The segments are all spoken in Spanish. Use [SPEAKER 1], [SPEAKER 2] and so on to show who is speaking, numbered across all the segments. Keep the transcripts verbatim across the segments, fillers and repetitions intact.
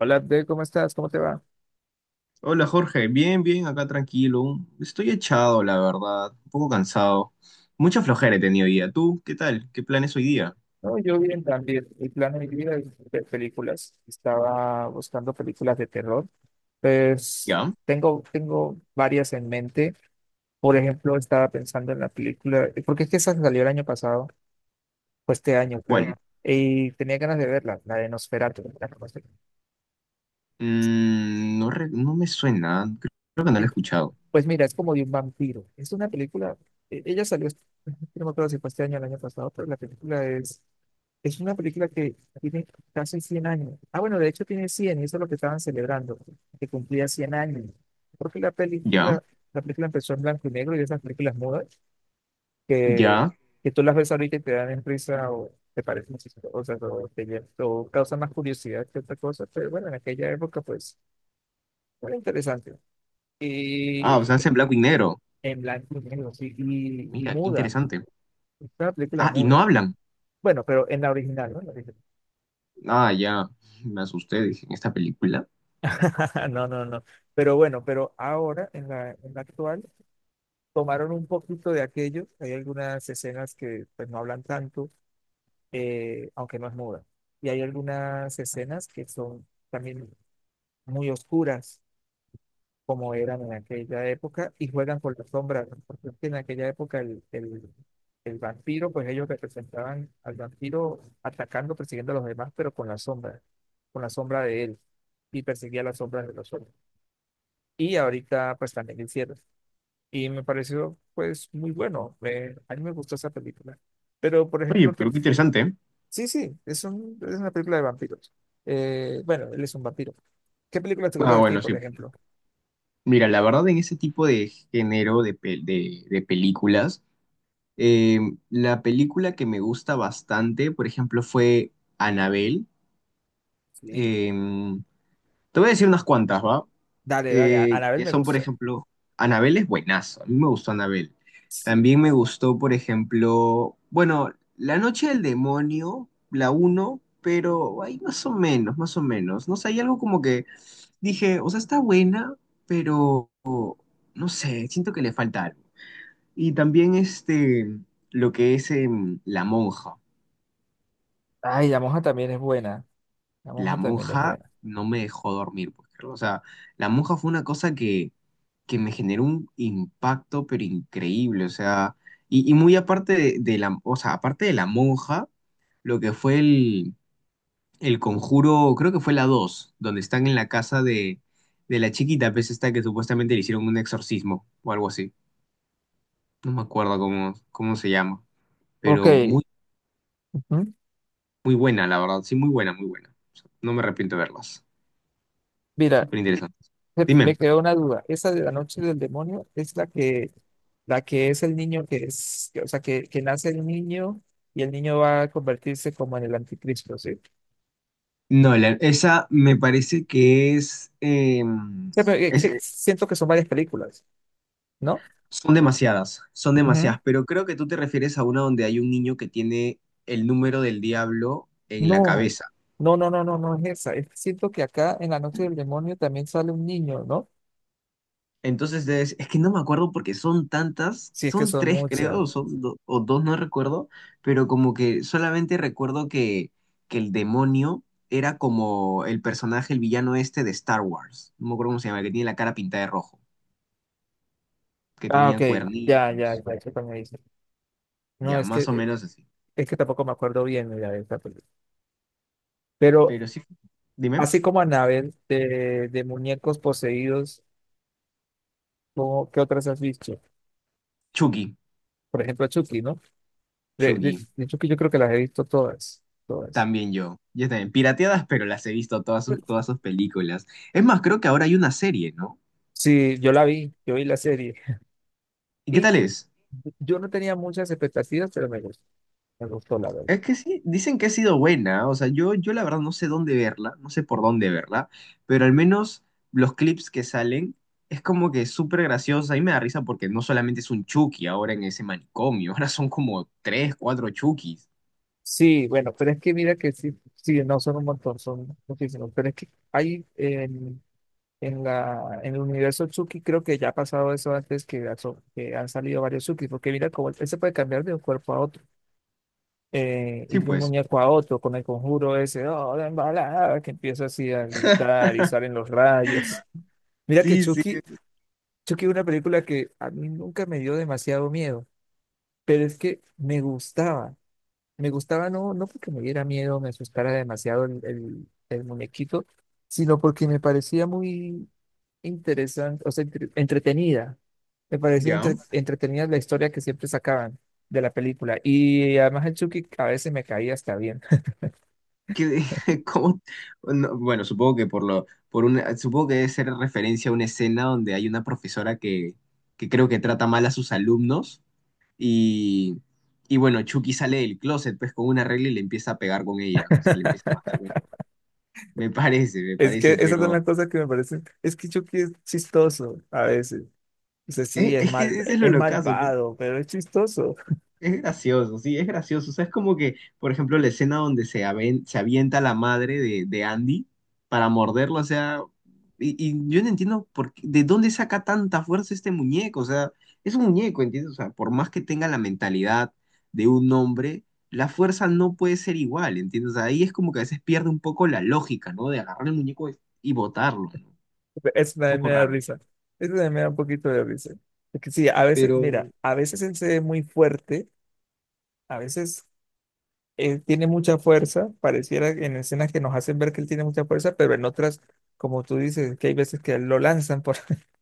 [SPEAKER 1] Hola, Abdel, ¿cómo estás? ¿Cómo te va?
[SPEAKER 2] Hola Jorge, bien, bien, acá tranquilo. Estoy echado, la verdad, un poco cansado. Mucha flojera he tenido hoy día. ¿Tú qué tal? ¿Qué planes hoy día?
[SPEAKER 1] No, yo bien también. El plan de mi vida es ver películas. Estaba buscando películas de terror. Pues
[SPEAKER 2] ¿Ya?
[SPEAKER 1] tengo, tengo varias en mente. Por ejemplo, estaba pensando en la película, porque es que esa salió el año pasado, o este año creo,
[SPEAKER 2] ¿Cuál?
[SPEAKER 1] y tenía ganas de verla, la de Nosferatu. ¿La conoces?
[SPEAKER 2] Mm, no, re- no me suena, creo creo que no lo he escuchado.
[SPEAKER 1] Pues mira, es como de un vampiro. Es una película, e- ella salió, este- no me acuerdo si fue este año o el año pasado, pero la película es, es una película que tiene casi cien años. Ah, bueno, de hecho tiene cien y eso es lo que estaban celebrando, que cumplía cien años. Porque la
[SPEAKER 2] ¿Ya?
[SPEAKER 1] película, la película empezó en blanco y negro y esas películas mudas que,
[SPEAKER 2] ¿Ya?
[SPEAKER 1] que tú las ves ahorita y te dan en risa o te parecen chistosas o, te, lle- o causan más curiosidad que otra cosa. Pero bueno, en aquella época pues era interesante.
[SPEAKER 2] Ah, o sea, es en blanco y negro.
[SPEAKER 1] En blanco y negro, sí, y, y
[SPEAKER 2] Mira, qué
[SPEAKER 1] muda.
[SPEAKER 2] interesante.
[SPEAKER 1] Es una película
[SPEAKER 2] Ah, y
[SPEAKER 1] muda.
[SPEAKER 2] no hablan.
[SPEAKER 1] Bueno, pero en la original, ¿no? En la original.
[SPEAKER 2] Ah, ya, me asusté, dije, ¿en esta película?
[SPEAKER 1] No, no, no. Pero bueno, pero ahora, en la, en la actual, tomaron un poquito de aquello. Hay algunas escenas que pues, no hablan tanto, eh, aunque no es muda. Y hay algunas escenas que son también muy oscuras. Como eran en aquella época y juegan con las sombras, ¿no? Porque es que en aquella época el, el, el vampiro, pues ellos representaban al vampiro atacando, persiguiendo a los demás, pero con la sombra, con la sombra de él y perseguía las sombras de los otros. Y ahorita pues también lo hicieron. Y me pareció pues muy bueno, me- a mí me gustó esa película. Pero por
[SPEAKER 2] Oye,
[SPEAKER 1] ejemplo que,
[SPEAKER 2] pero qué interesante, ¿eh?
[SPEAKER 1] sí, sí, es, un- es una película de vampiros. Eh, bueno, él es un vampiro. ¿Qué película te gusta
[SPEAKER 2] Ah,
[SPEAKER 1] de ti,
[SPEAKER 2] bueno,
[SPEAKER 1] por
[SPEAKER 2] sí.
[SPEAKER 1] ejemplo?
[SPEAKER 2] Mira, la verdad en ese tipo de género de, pel- de de películas. Eh, la película que me gusta bastante, por ejemplo, fue Anabel. Te
[SPEAKER 1] Sí.
[SPEAKER 2] voy a decir unas cuantas, ¿va?
[SPEAKER 1] Dale, dale, a
[SPEAKER 2] Eh,
[SPEAKER 1] Anabel
[SPEAKER 2] que
[SPEAKER 1] me
[SPEAKER 2] son, por
[SPEAKER 1] gusta.
[SPEAKER 2] ejemplo, Anabel es buenazo. A mí me gustó Anabel.
[SPEAKER 1] Sí. es-
[SPEAKER 2] También me gustó, por ejemplo, bueno, La Noche del Demonio, la uno, pero ahí más o menos, más o menos. No sé, hay algo como que dije, o sea, está buena, pero no sé, siento que le falta algo. Y también este, lo que es em, La Monja.
[SPEAKER 1] Ay, la moja también es buena. La
[SPEAKER 2] La
[SPEAKER 1] moja también es
[SPEAKER 2] Monja
[SPEAKER 1] buena.
[SPEAKER 2] no me dejó dormir, pues, creo. O sea, La Monja fue una cosa que, que me generó un impacto, pero increíble. O sea, y, y muy aparte de, de la, o sea, aparte de La Monja, lo que fue el, el conjuro, creo que fue la dos donde están en la casa de, de la chiquita, pues esta que supuestamente le hicieron un exorcismo o algo así. No me acuerdo cómo, cómo se llama,
[SPEAKER 1] Ok.
[SPEAKER 2] pero muy
[SPEAKER 1] Ujú.
[SPEAKER 2] muy buena, la verdad. Sí, muy buena, muy buena. O sea, no me arrepiento de verlas.
[SPEAKER 1] Mira,
[SPEAKER 2] Súper interesantes.
[SPEAKER 1] se- me
[SPEAKER 2] Dime.
[SPEAKER 1] quedó una duda. Esa de la noche del demonio es la que, la que es el niño que es, que- o sea, que, que nace el niño y el niño va a convertirse como en el anticristo, ¿sí?
[SPEAKER 2] Nolan, esa me parece que es, eh,
[SPEAKER 1] Sí, pero, eh,
[SPEAKER 2] es-
[SPEAKER 1] que
[SPEAKER 2] eh,
[SPEAKER 1] siento que son varias películas, ¿no?
[SPEAKER 2] son demasiadas, son
[SPEAKER 1] Ujú.
[SPEAKER 2] demasiadas, pero creo que tú te refieres a una donde hay un niño que tiene el número del diablo en la
[SPEAKER 1] No,
[SPEAKER 2] cabeza.
[SPEAKER 1] no, no, no, no, no es esa. Es que siento que acá en la noche del demonio también sale un niño, ¿no?
[SPEAKER 2] Entonces es, es que no me acuerdo porque son tantas,
[SPEAKER 1] Si es que
[SPEAKER 2] son
[SPEAKER 1] son
[SPEAKER 2] tres creo,
[SPEAKER 1] muchas.
[SPEAKER 2] o son do- o dos, no recuerdo, pero como que solamente recuerdo que, que el demonio era como el personaje, el villano este de Star Wars, no me acuerdo cómo se llama, que tiene la cara pintada de rojo, que
[SPEAKER 1] Ah, ok,
[SPEAKER 2] tenía
[SPEAKER 1] ya, ya,
[SPEAKER 2] cuernitos,
[SPEAKER 1] ya, eso también dice. No,
[SPEAKER 2] ya,
[SPEAKER 1] es que
[SPEAKER 2] más o
[SPEAKER 1] eh,
[SPEAKER 2] menos así.
[SPEAKER 1] es que tampoco me acuerdo bien, mira, de esta película. Pero
[SPEAKER 2] Pero sí, dime.
[SPEAKER 1] así como Annabelle, de, de muñecos poseídos, ¿cómo- ¿qué otras has visto?
[SPEAKER 2] Chucky,
[SPEAKER 1] Por ejemplo, Chucky, ¿no? De, de,
[SPEAKER 2] Chucky,
[SPEAKER 1] de Chucky yo creo que las he visto todas, todas.
[SPEAKER 2] también yo, yo también, pirateadas, pero las he visto todas sus, todas sus películas. Es más, creo que ahora hay una serie, ¿no?
[SPEAKER 1] Sí, yo la vi, yo vi la serie.
[SPEAKER 2] ¿Y qué
[SPEAKER 1] Y
[SPEAKER 2] tal es?
[SPEAKER 1] yo no tenía muchas expectativas, pero me gustó, me gustó la verdad.
[SPEAKER 2] Es que sí, dicen que ha sido buena, o sea, yo, yo la verdad no sé dónde verla, no sé por dónde verla, pero al menos los clips que salen es como que súper gracioso, a mí me da risa porque no solamente es un Chucky ahora en ese manicomio, ahora son como tres, cuatro Chuckys.
[SPEAKER 1] Sí, bueno, pero es que mira que sí, sí, no son un montón, son muchísimos. Pero es que hay, eh, en la, en el universo Tsuki creo que ya ha pasado eso antes que, ha so- que han salido varios Tsuki, porque mira cómo él se puede cambiar de un cuerpo a otro, eh, y
[SPEAKER 2] Sí,
[SPEAKER 1] de un
[SPEAKER 2] pues,
[SPEAKER 1] muñeco a otro, con el conjuro ese, oh, la embalada, que empieza así a gritar y salen los rayos. Mira que
[SPEAKER 2] sí, sí,
[SPEAKER 1] Chucky Chucky es una película que a mí nunca me dio demasiado miedo, pero es que me gustaba, me gustaba no, no porque me diera miedo, me asustara demasiado el, el el muñequito, sino porque me parecía muy interesante, o sea, entre- entretenida. Me parecía
[SPEAKER 2] ya.
[SPEAKER 1] entre- entretenida la historia que siempre sacaban de la película. Y además el Chucky a veces me caía hasta bien.
[SPEAKER 2] Que, ¿cómo? No, bueno, supongo que por lo, por una, supongo que debe ser referencia a una escena donde hay una profesora que, que creo que trata mal a sus alumnos. Y, y bueno, Chucky sale del closet pues con una regla y le empieza a pegar con ella. O sea, le empieza a matar con... Me parece, me
[SPEAKER 1] Es que
[SPEAKER 2] parece,
[SPEAKER 1] esas son
[SPEAKER 2] pero...
[SPEAKER 1] las cosas que me parecen. Es que Chucky es chistoso a veces. O sea, sí,
[SPEAKER 2] Es,
[SPEAKER 1] es
[SPEAKER 2] es que
[SPEAKER 1] mal,
[SPEAKER 2] ese es lo
[SPEAKER 1] es
[SPEAKER 2] locazo.
[SPEAKER 1] malvado, pero es chistoso.
[SPEAKER 2] Es gracioso, sí, es gracioso. O sea, es como que, por ejemplo, la escena donde se, aven- se avienta la madre de, de Andy para morderlo, o sea, y, y yo no entiendo por qué- de dónde saca tanta fuerza este muñeco, o sea, es un muñeco, ¿entiendes? O sea, por más que tenga la mentalidad de un hombre, la fuerza no puede ser igual, ¿entiendes? O sea, ahí es como que a veces pierde un poco la lógica, ¿no? De agarrar el muñeco y botarlo, ¿no? Un
[SPEAKER 1] Eso también
[SPEAKER 2] poco
[SPEAKER 1] me da
[SPEAKER 2] raro.
[SPEAKER 1] risa. Eso también me da un poquito de risa. Es que sí, a veces,
[SPEAKER 2] Pero
[SPEAKER 1] mira, a veces él se ve muy fuerte, a veces él tiene mucha fuerza, pareciera que en escenas que nos hacen ver que él tiene mucha fuerza, pero en otras, como tú dices, que hay veces que lo lanzan por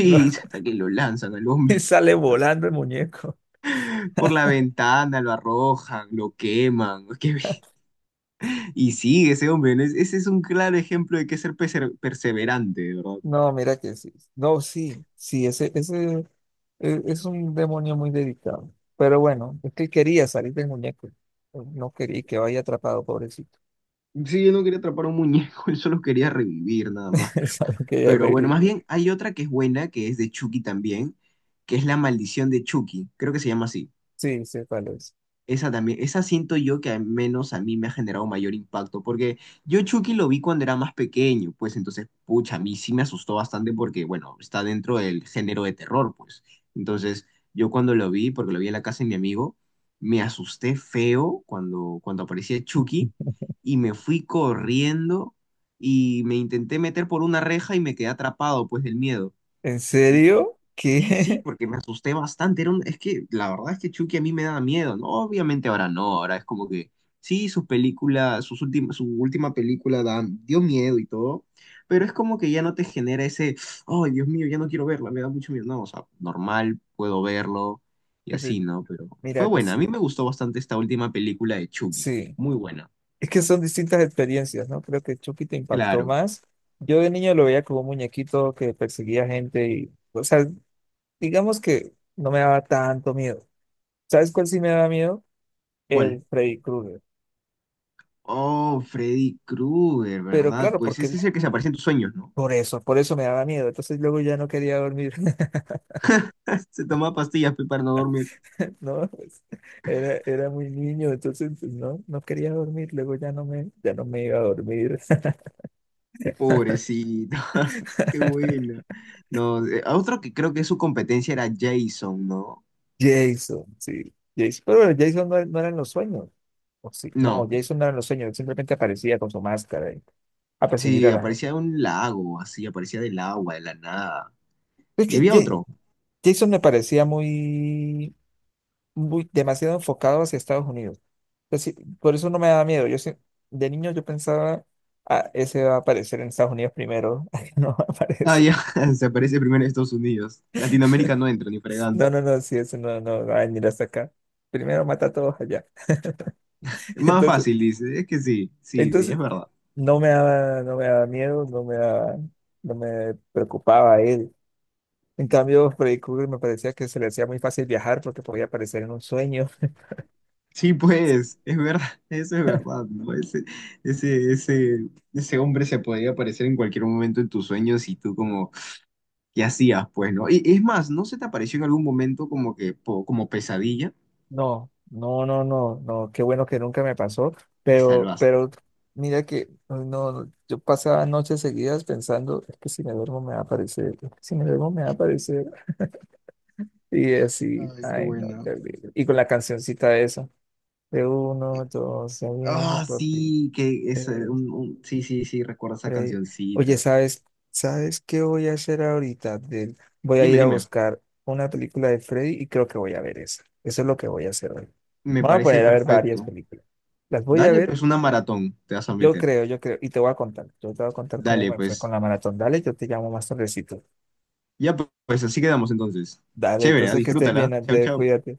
[SPEAKER 1] lo-
[SPEAKER 2] hasta que lo lanzan al
[SPEAKER 1] y
[SPEAKER 2] hombre,
[SPEAKER 1] sale volando el muñeco.
[SPEAKER 2] por la ventana, lo arrojan, lo queman. Que... y sí, ese hombre, ¿no? Es... ese es un claro ejemplo de que ser perse- perseverante, de verdad.
[SPEAKER 1] No, mira que sí. No, sí, sí, ese, ese eh, es un demonio muy dedicado. Pero bueno, es que él quería salir del muñeco. No quería que vaya atrapado, pobrecito.
[SPEAKER 2] Sí, yo no quería atrapar a un muñeco, yo solo quería revivir nada más. Pero,
[SPEAKER 1] Eso es lo que ella
[SPEAKER 2] pero
[SPEAKER 1] le-
[SPEAKER 2] bueno,
[SPEAKER 1] dice.
[SPEAKER 2] más bien hay otra que es buena, que es de Chucky también, que es La Maldición de Chucky, creo que se llama así.
[SPEAKER 1] Sí, sí, cuál es.
[SPEAKER 2] Esa también, esa siento yo que al menos a mí me ha generado mayor impacto, porque yo Chucky lo vi cuando era más pequeño, pues entonces, pucha, a mí sí me asustó bastante porque, bueno, está dentro del género de terror, pues. Entonces, yo cuando lo vi, porque lo vi en la casa de mi amigo, me asusté feo cuando, cuando aparecía Chucky y me fui corriendo y me intenté meter por una reja y me quedé atrapado, pues, del miedo.
[SPEAKER 1] ¿En serio?
[SPEAKER 2] Y sí,
[SPEAKER 1] ¿Qué?
[SPEAKER 2] porque me asusté bastante. Era un- es que la verdad es que Chucky a mí me da miedo, ¿no? Obviamente ahora no, ahora es como que sí, sus películas, sus últimas, su última película dan- dio miedo y todo, pero es como que ya no te genera ese, oh, Dios mío, ya no quiero verla, me da mucho miedo. No, o sea, normal, puedo verlo y así, ¿no? Pero fue
[SPEAKER 1] Mira,
[SPEAKER 2] buena, a
[SPEAKER 1] dice.
[SPEAKER 2] mí me gustó bastante esta última película de Chucky,
[SPEAKER 1] Sí.
[SPEAKER 2] muy buena.
[SPEAKER 1] Es que son distintas experiencias, ¿no? Creo que Chucky te impactó
[SPEAKER 2] Claro,
[SPEAKER 1] más. Yo de niño lo veía como un muñequito que perseguía gente y, o sea, digamos que no me daba tanto miedo. ¿Sabes cuál sí me daba miedo?
[SPEAKER 2] ¿cuál?
[SPEAKER 1] El Freddy Krueger.
[SPEAKER 2] Oh, Freddy Krueger,
[SPEAKER 1] Pero
[SPEAKER 2] ¿verdad?
[SPEAKER 1] claro,
[SPEAKER 2] Pues
[SPEAKER 1] porque
[SPEAKER 2] ese
[SPEAKER 1] él-
[SPEAKER 2] es el que se aparece en tus sueños, ¿no?
[SPEAKER 1] por eso, por eso me daba miedo. Entonces luego ya no quería dormir,
[SPEAKER 2] Se toma pastillas pe, para no dormir.
[SPEAKER 1] ¿no? Pues, era, era muy niño, entonces pues, no, no quería dormir. Luego ya no me, ya no me iba a dormir.
[SPEAKER 2] Pobrecito. Qué bueno. No, eh, a otro que creo que su competencia era Jason, ¿no?
[SPEAKER 1] Jason, sí, Jason. Pero bueno, Jason no, no eran los sueños. O sí, no,
[SPEAKER 2] No,
[SPEAKER 1] Jason no eran los sueños, él simplemente aparecía con su máscara y- a perseguir
[SPEAKER 2] sí,
[SPEAKER 1] a la gente.
[SPEAKER 2] aparecía de un lago, así, aparecía del agua, de la nada.
[SPEAKER 1] Es
[SPEAKER 2] Y
[SPEAKER 1] que
[SPEAKER 2] había
[SPEAKER 1] Ja-
[SPEAKER 2] otro.
[SPEAKER 1] Jason me parecía muy, muy demasiado enfocado hacia Estados Unidos. Entonces, sí, por eso no me daba miedo. Yo sí- de niño yo pensaba, ah, ese va a aparecer en Estados Unidos primero. No
[SPEAKER 2] Ah, ya,
[SPEAKER 1] aparece.
[SPEAKER 2] se aparece primero en Estados Unidos. Latinoamérica no entra ni
[SPEAKER 1] No,
[SPEAKER 2] fregando.
[SPEAKER 1] no, no, sí, ese no, no va a venir hasta acá. Primero mata a todos allá.
[SPEAKER 2] Más
[SPEAKER 1] Entonces,
[SPEAKER 2] fácil, dice. Es que sí, sí, sí, es
[SPEAKER 1] entonces
[SPEAKER 2] verdad.
[SPEAKER 1] no me daba, no me daba miedo, no me daba- no me preocupaba él. En cambio, Freddy Krueger me parecía que se le hacía muy fácil viajar porque podía aparecer en un sueño.
[SPEAKER 2] Sí, pues, es verdad, eso es verdad, ¿no? Ese, ese, ese, ese hombre se podía aparecer en cualquier momento en tus sueños y tú como... ¿Qué hacías, pues, no? Y es más, ¿no se te apareció en algún momento como que, po- como pesadilla?
[SPEAKER 1] No, no, no, no, no, qué bueno que nunca me pasó,
[SPEAKER 2] Te
[SPEAKER 1] pero,
[SPEAKER 2] salvaste.
[SPEAKER 1] pero mira que ay, no, yo pasaba noches seguidas pensando, es que si me duermo me va a aparecer, es que si me duermo me va a aparecer, y así,
[SPEAKER 2] Ay, qué
[SPEAKER 1] ay no,
[SPEAKER 2] bueno.
[SPEAKER 1] terrible. Y con la cancioncita esa, de uno, dos, se viene
[SPEAKER 2] Ah,
[SPEAKER 1] por ti.
[SPEAKER 2] sí, que es eh, un, un- sí, sí, sí, recuerdo esa
[SPEAKER 1] Freddy. Oye,
[SPEAKER 2] cancioncita.
[SPEAKER 1] ¿sabes? ¿Sabes qué voy a hacer ahorita? Del- Voy a
[SPEAKER 2] Dime,
[SPEAKER 1] ir a
[SPEAKER 2] dime.
[SPEAKER 1] buscar una película de Freddy y creo que voy a ver esa. Eso es lo que voy a hacer hoy.
[SPEAKER 2] Me
[SPEAKER 1] Me voy a
[SPEAKER 2] parece
[SPEAKER 1] poner a ver varias
[SPEAKER 2] perfecto.
[SPEAKER 1] películas. Las voy a
[SPEAKER 2] Dale,
[SPEAKER 1] ver,
[SPEAKER 2] pues, una maratón te vas a
[SPEAKER 1] yo
[SPEAKER 2] meter.
[SPEAKER 1] creo, yo creo. Y te voy a contar. Yo te voy a contar cómo
[SPEAKER 2] Dale,
[SPEAKER 1] me fue con
[SPEAKER 2] pues.
[SPEAKER 1] la maratón. Dale, yo te llamo más tardecito.
[SPEAKER 2] Ya, pues, así quedamos entonces.
[SPEAKER 1] Dale,
[SPEAKER 2] Chévere, ¿ah?
[SPEAKER 1] entonces que estés
[SPEAKER 2] Disfrútala.
[SPEAKER 1] bien,
[SPEAKER 2] Chau,
[SPEAKER 1] Andrés,
[SPEAKER 2] chau.
[SPEAKER 1] cuídate.